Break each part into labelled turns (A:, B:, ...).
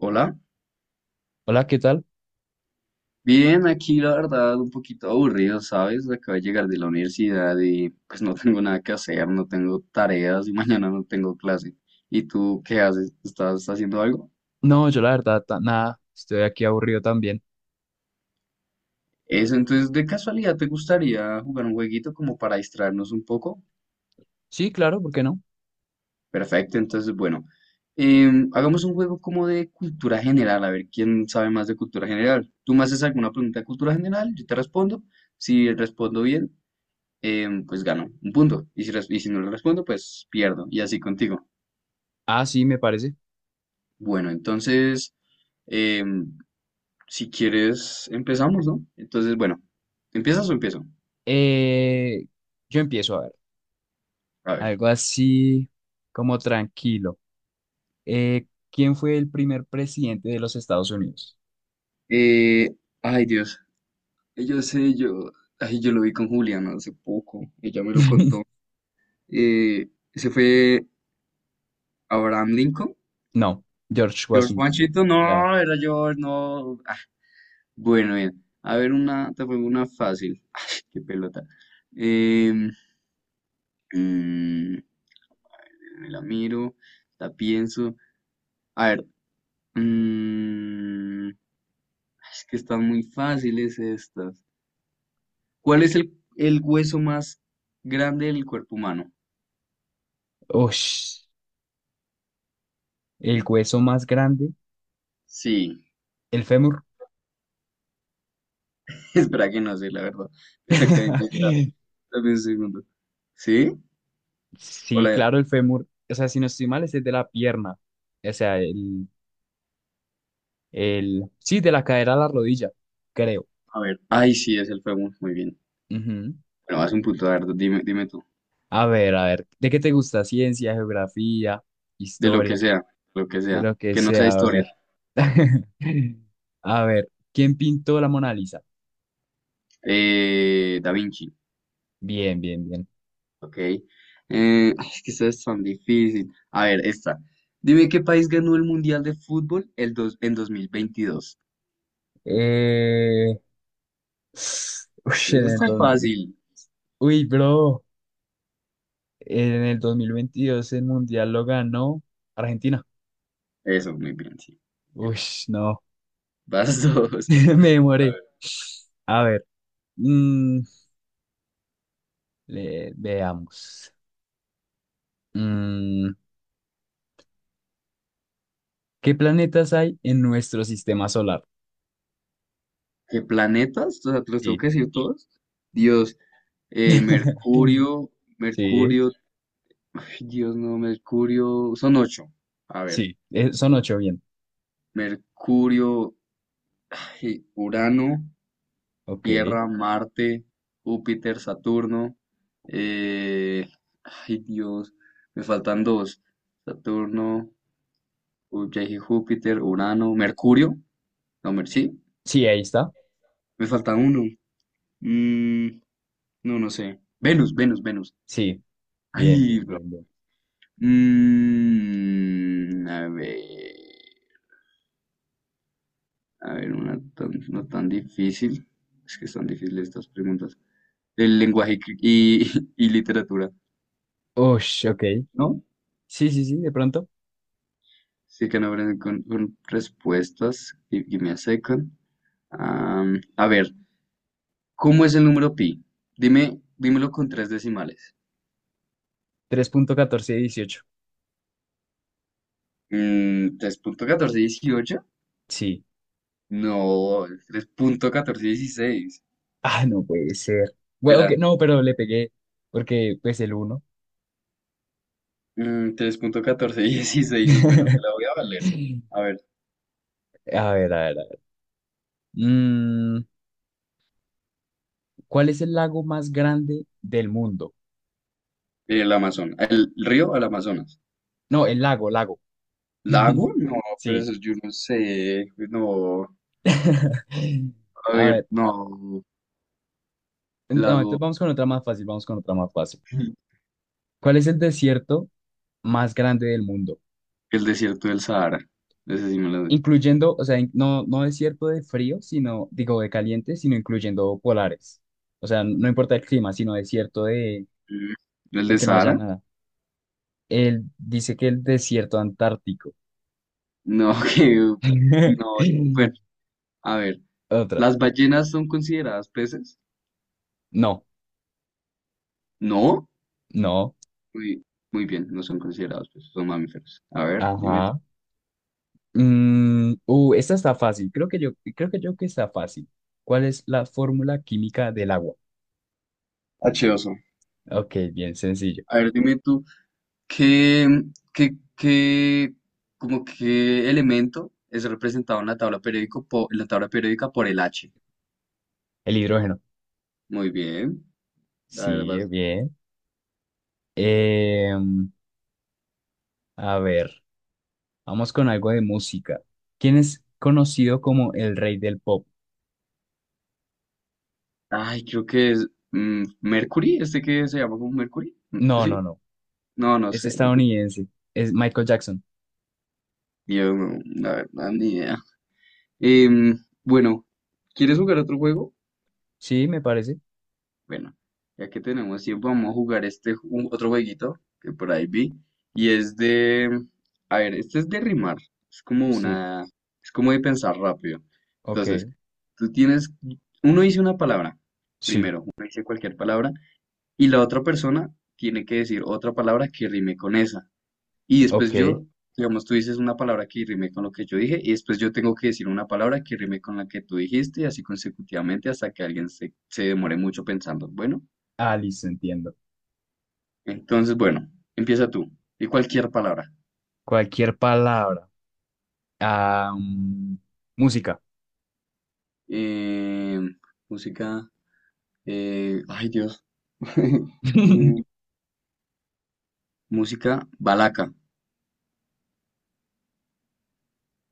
A: Hola,
B: Hola, ¿qué tal?
A: bien, aquí la verdad un poquito aburrido, ¿sabes? Acabo de llegar de la universidad y pues no tengo nada que hacer, no tengo tareas y mañana no tengo clase. ¿Y tú qué haces? ¿Estás haciendo algo?
B: No, yo la verdad, nada, estoy aquí aburrido también.
A: Eso, entonces de casualidad, ¿te gustaría jugar un jueguito como para distraernos un poco?
B: Sí, claro, ¿por qué no?
A: Perfecto, entonces bueno, hagamos un juego como de cultura general, a ver quién sabe más de cultura general. Tú me haces alguna pregunta de cultura general, yo te respondo. Si respondo bien, pues gano un punto. Y si, y si no le respondo, pues pierdo. Y así contigo.
B: Ah, sí, me parece.
A: Bueno, entonces, em, si quieres, empezamos, ¿no? Entonces, bueno, ¿empiezas o empiezo?
B: Eh, yo empiezo a ver,
A: A ver.
B: algo así como tranquilo. Eh, ¿Quién fue el primer presidente de los Estados Unidos?
A: Eh, ay, Dios. Yo sé, yo. Ay, yo lo vi con Juliana hace poco. Ella me lo contó. Eh, se fue Abraham Lincoln.
B: No, George
A: George
B: Washington.
A: Washington. No,
B: Ya.
A: era George, no. Ah, bueno, bien. A ver, una. Te pongo una fácil. Ay, qué pelota. Eh, me la miro, la pienso. A ver, mm, es que están muy fáciles estas. ¿Cuál es el hueso más grande del cuerpo humano?
B: Ush, el hueso más grande,
A: Sí,
B: el fémur.
A: espera que no sé, la verdad. Es la acabo de inventar. Dame un segundo. ¿Sí?
B: Sí,
A: Hola,
B: claro, el fémur. O sea, si no estoy mal, ese es el de la pierna. O sea, el, sí, de la cadera a la rodilla, creo.
A: a ver. Ay, sí, es el fémur. Muy bien.
B: Ujú.
A: Bueno, vas un punto, a ver, dime tú.
B: A ver, ¿de qué te gusta? Ciencia, geografía,
A: De lo que
B: historia,
A: sea, lo que
B: de
A: sea.
B: lo que
A: Que no sea
B: sea, a
A: historia.
B: ver. A ver, ¿quién pintó la Mona Lisa?
A: Da Vinci.
B: Bien, bien, bien.
A: Ok. Ay, es que eso es tan difícil. A ver, esta. Dime qué país ganó el Mundial de Fútbol en 2022.
B: Eh... Uy,
A: Eso
B: en el
A: está
B: 2000.
A: fácil.
B: Uy, bro, en el 2022 el Mundial lo ganó Argentina.
A: Eso, muy bien, sí.
B: Uy,
A: Bien.
B: no,
A: Vas dos.
B: me
A: A
B: demoré.
A: ver.
B: A ver, mm, veamos. Mm, ¿Qué planetas hay en nuestro sistema solar?
A: ¿Qué planetas? O sea, ¿te los tengo
B: Sí.
A: que decir todos? Dios, eh, Mercurio,
B: Sí,
A: Mercurio, ay, Dios no, Mercurio, son 8. A ver,
B: sí. Son ocho, bien.
A: Mercurio, ay, Urano,
B: Ok.
A: Tierra, Marte, Júpiter, Saturno. eh, ay Dios, me faltan dos. Saturno, ya dije Júpiter, Urano, Mercurio. No, sí,
B: Sí, ahí está.
A: me falta uno. Mm, no, no sé. Venus, Venus, Venus.
B: Sí. Bien,
A: Ay,
B: bien,
A: bro.
B: bien, bien.
A: Mm, a ver, a ver, una no tan difícil. Es que están difíciles estas preguntas. El lenguaje y, y literatura,
B: Ush, ok.
A: ¿no?
B: Sí, sí, sí, de pronto.
A: Sí, que no aprenden con respuestas. Y give me asecan. A ver, ¿cómo es el número pi? Dime, dímelo con tres decimales.
B: Tres punto catorce dieciocho.
A: Mm, ¿tres punto catorce dieciocho?
B: Sí.
A: No, tres punto catorce dieciséis.
B: Ah, no puede ser. Bueno, ok,
A: Era
B: no, pero le pegué porque pues el uno.
A: 3.1416. Y bueno, te la voy a valer. A ver,
B: A ver, a ver, a ver. Mm, ¿Cuál es el lago más grande del mundo?
A: el Amazonas. El río al Amazonas.
B: No, el lago, lago.
A: ¿Lago? No, pero
B: Sí.
A: eso yo no sé. No. A
B: A
A: ver,
B: ver,
A: no.
B: No, entonces
A: Lago.
B: vamos con otra más fácil, vamos con otra más fácil. ¿Cuál es el desierto más grande del mundo?
A: El desierto del Sahara. Ese sí me lo sé.
B: Incluyendo, o sea, no, no desierto de frío, sino, digo, de caliente, sino incluyendo polares. O sea, no importa el clima, sino desierto
A: Mm. ¿El
B: de
A: de
B: que no haya
A: Sahara?
B: nada. Él dice que el desierto antártico.
A: No, que... No. Bueno, a ver.
B: Otra.
A: ¿Las ballenas son consideradas peces?
B: No,
A: No.
B: no.
A: Muy, muy bien, no son considerados peces, son mamíferos. A ver, dime tú.
B: Ajá. Esta está fácil. Creo que yo que está fácil. ¿Cuál es la fórmula química del agua?
A: H2O.
B: Ok, bien sencillo.
A: A ver, dime tú, ¿qué, qué, qué, como qué elemento es representado en la tabla en la tabla periódica por el H?
B: El hidrógeno.
A: Muy bien. A ver,
B: Sí, bien. Eh, a ver, vamos con algo de música. ¿Quién es conocido como el rey del pop?
A: ay, creo que es Mercury, este que se llama como Mercury. Mm,
B: No, no,
A: ¿sí?
B: no.
A: No, no
B: Es
A: sé, no tengo.
B: estadounidense. Es Michael Jackson.
A: Yo, no, la verdad, ni idea. Em, bueno, ¿quieres jugar otro juego?
B: Sí, me parece.
A: Bueno, ya que tenemos tiempo, vamos a jugar este otro jueguito que por ahí vi. Y es de, a ver, este es de rimar. Es como
B: Sí.
A: una, es como de pensar rápido. Entonces,
B: Ok.
A: tú tienes, uno dice una palabra,
B: Sí.
A: primero, uno dice cualquier palabra y la otra persona tiene que decir otra palabra que rime con esa. Y después
B: Ok.
A: yo, digamos, tú dices una palabra que rime con lo que yo dije, y después yo tengo que decir una palabra que rime con la que tú dijiste, y así consecutivamente hasta que alguien se demore mucho pensando. Bueno,
B: Ah, listo, entiendo.
A: entonces, bueno, empieza tú. Y cualquier palabra.
B: Cualquier palabra. Ah, mm, música.
A: Eh, música. Ay, Dios. Eh, música balaca.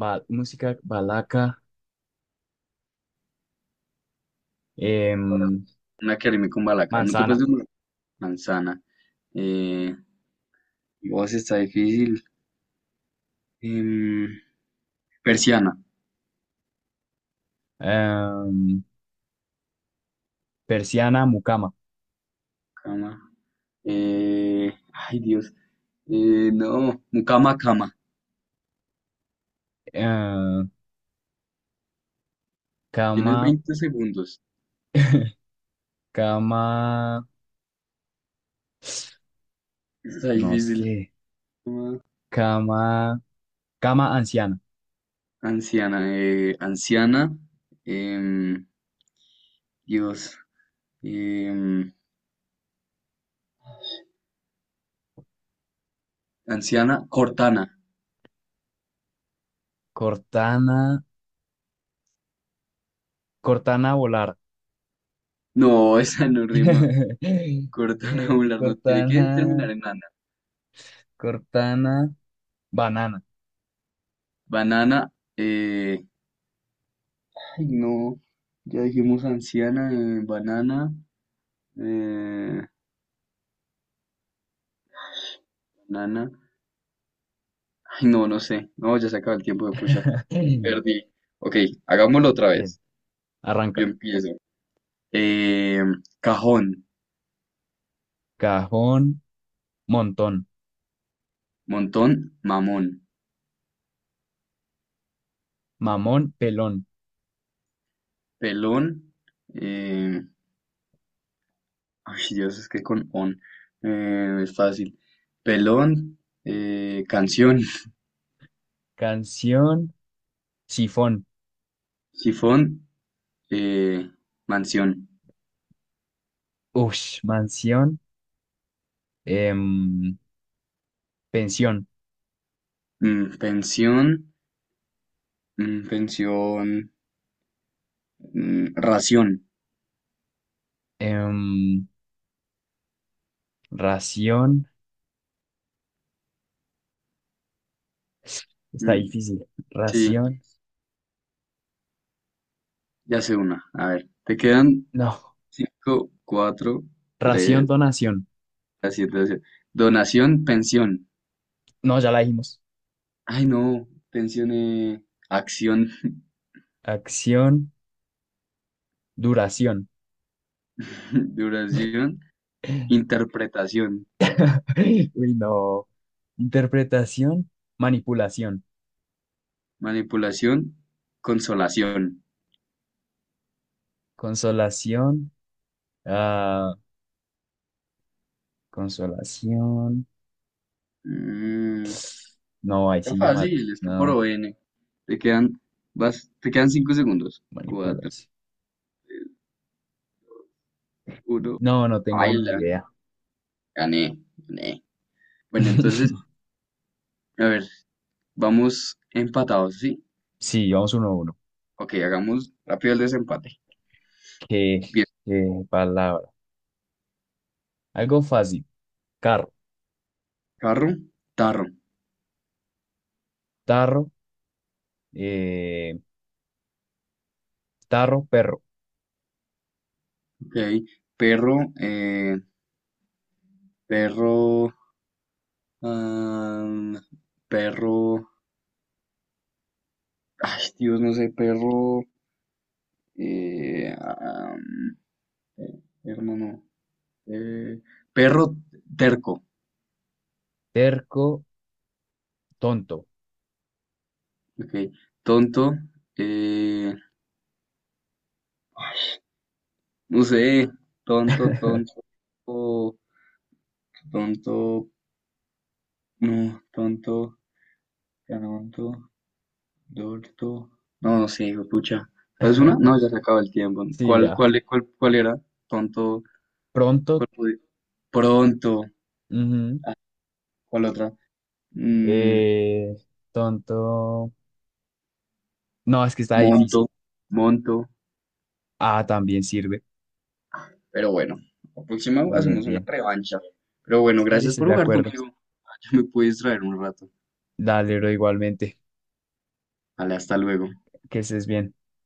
B: Música, balaca, em,
A: Una que rime con balaca. No te puedes
B: manzana,
A: de manzana. Eh, voz está difícil. Em, persiana,
B: em, persiana, mucama,
A: cama. Ay, Dios. No, mucama, cama.
B: em,
A: Tienes
B: cama.
A: 20 segundos.
B: Cama,
A: Está
B: no
A: difícil.
B: sé,
A: Cama,
B: cama, cama anciana,
A: anciana, anciana. em, Dios. em, anciana, cortana.
B: Cortana, Cortana volar,
A: No, esa no rima. Cortana angular no tiene que
B: Cortana,
A: terminar en nana.
B: Cortana, banana.
A: Banana, eh, ay, no. Ya dijimos anciana, banana, eh, banana. Ay, no, no sé. No, ya se acaba el tiempo de pucha.
B: Bien,
A: Perdí. Ok, hagámoslo otra vez. Yo
B: arranca.
A: empiezo. Eh, cajón,
B: Cajón, montón,
A: montón, mamón,
B: mamón, pelón,
A: pelón. eh, ay, Dios, es que con on es fácil. Pelón, canción,
B: canción, sifón,
A: sifón, eh, mansión,
B: ush, mansión, em, pensión,
A: mm, pensión, pensión, ración.
B: em, ración, está
A: mm,
B: difícil,
A: sí,
B: ración.
A: ya sé una. A ver, te quedan
B: No,
A: 5, 4, 3.
B: ración, donación.
A: Gracias, gracias. Donación, Donación, pensión.
B: No, ya la dijimos.
A: Ay, no. Pensión, acción,
B: Acción, duración.
A: duración, interpretación,
B: Uy, no. Interpretación, manipulación.
A: manipulación, consolación.
B: Consolación, ah, consolación.
A: Mm,
B: No, ahí
A: está
B: sí me mató.
A: fácil, es que por
B: No,
A: O N. Te quedan, vas, te quedan 5 segundos. Cuatro,
B: manipulación.
A: uno.
B: No, no tengo ni
A: Baila.
B: idea.
A: Gané, gané. Bueno, entonces, a ver, vamos empatados, ¿sí?
B: Sí, vamos uno a uno.
A: Ok, hagamos rápido el desempate.
B: ¿Qué,
A: Bien.
B: ¿qué palabra? Algo fácil. Carro,
A: Carro, tarro.
B: tarro, eh, perro.
A: Ok. Perro, Perro, am, perro, ay Dios, no sé, perro, eh, am, hermano, eh, perro terco,
B: Terco, tonto.
A: ok, tonto, eh, no sé, tonto, tonto, tonto, no, tonto, dorto, no, no sé, pucha, ¿sabes una? No, ya se acaba el tiempo,
B: Sí,
A: ¿cuál,
B: ya.
A: cuál, cuál, cuál era? Tonto,
B: Pronto.
A: cuál pude- pronto.
B: Ujú.
A: ¿Cuál otra? Mm,
B: Eh, tonto. No, es que está
A: monto,
B: difícil.
A: monto.
B: Ah, también sirve.
A: Pero bueno, la próxima
B: Bien,
A: hacemos una
B: bien.
A: revancha. Pero bueno,
B: Sí,
A: gracias
B: estoy
A: por
B: de
A: jugar
B: acuerdo.
A: conmigo. Yo me puedo distraer un rato.
B: Dale, bro, igualmente.
A: Vale, hasta luego.
B: Que estés bien.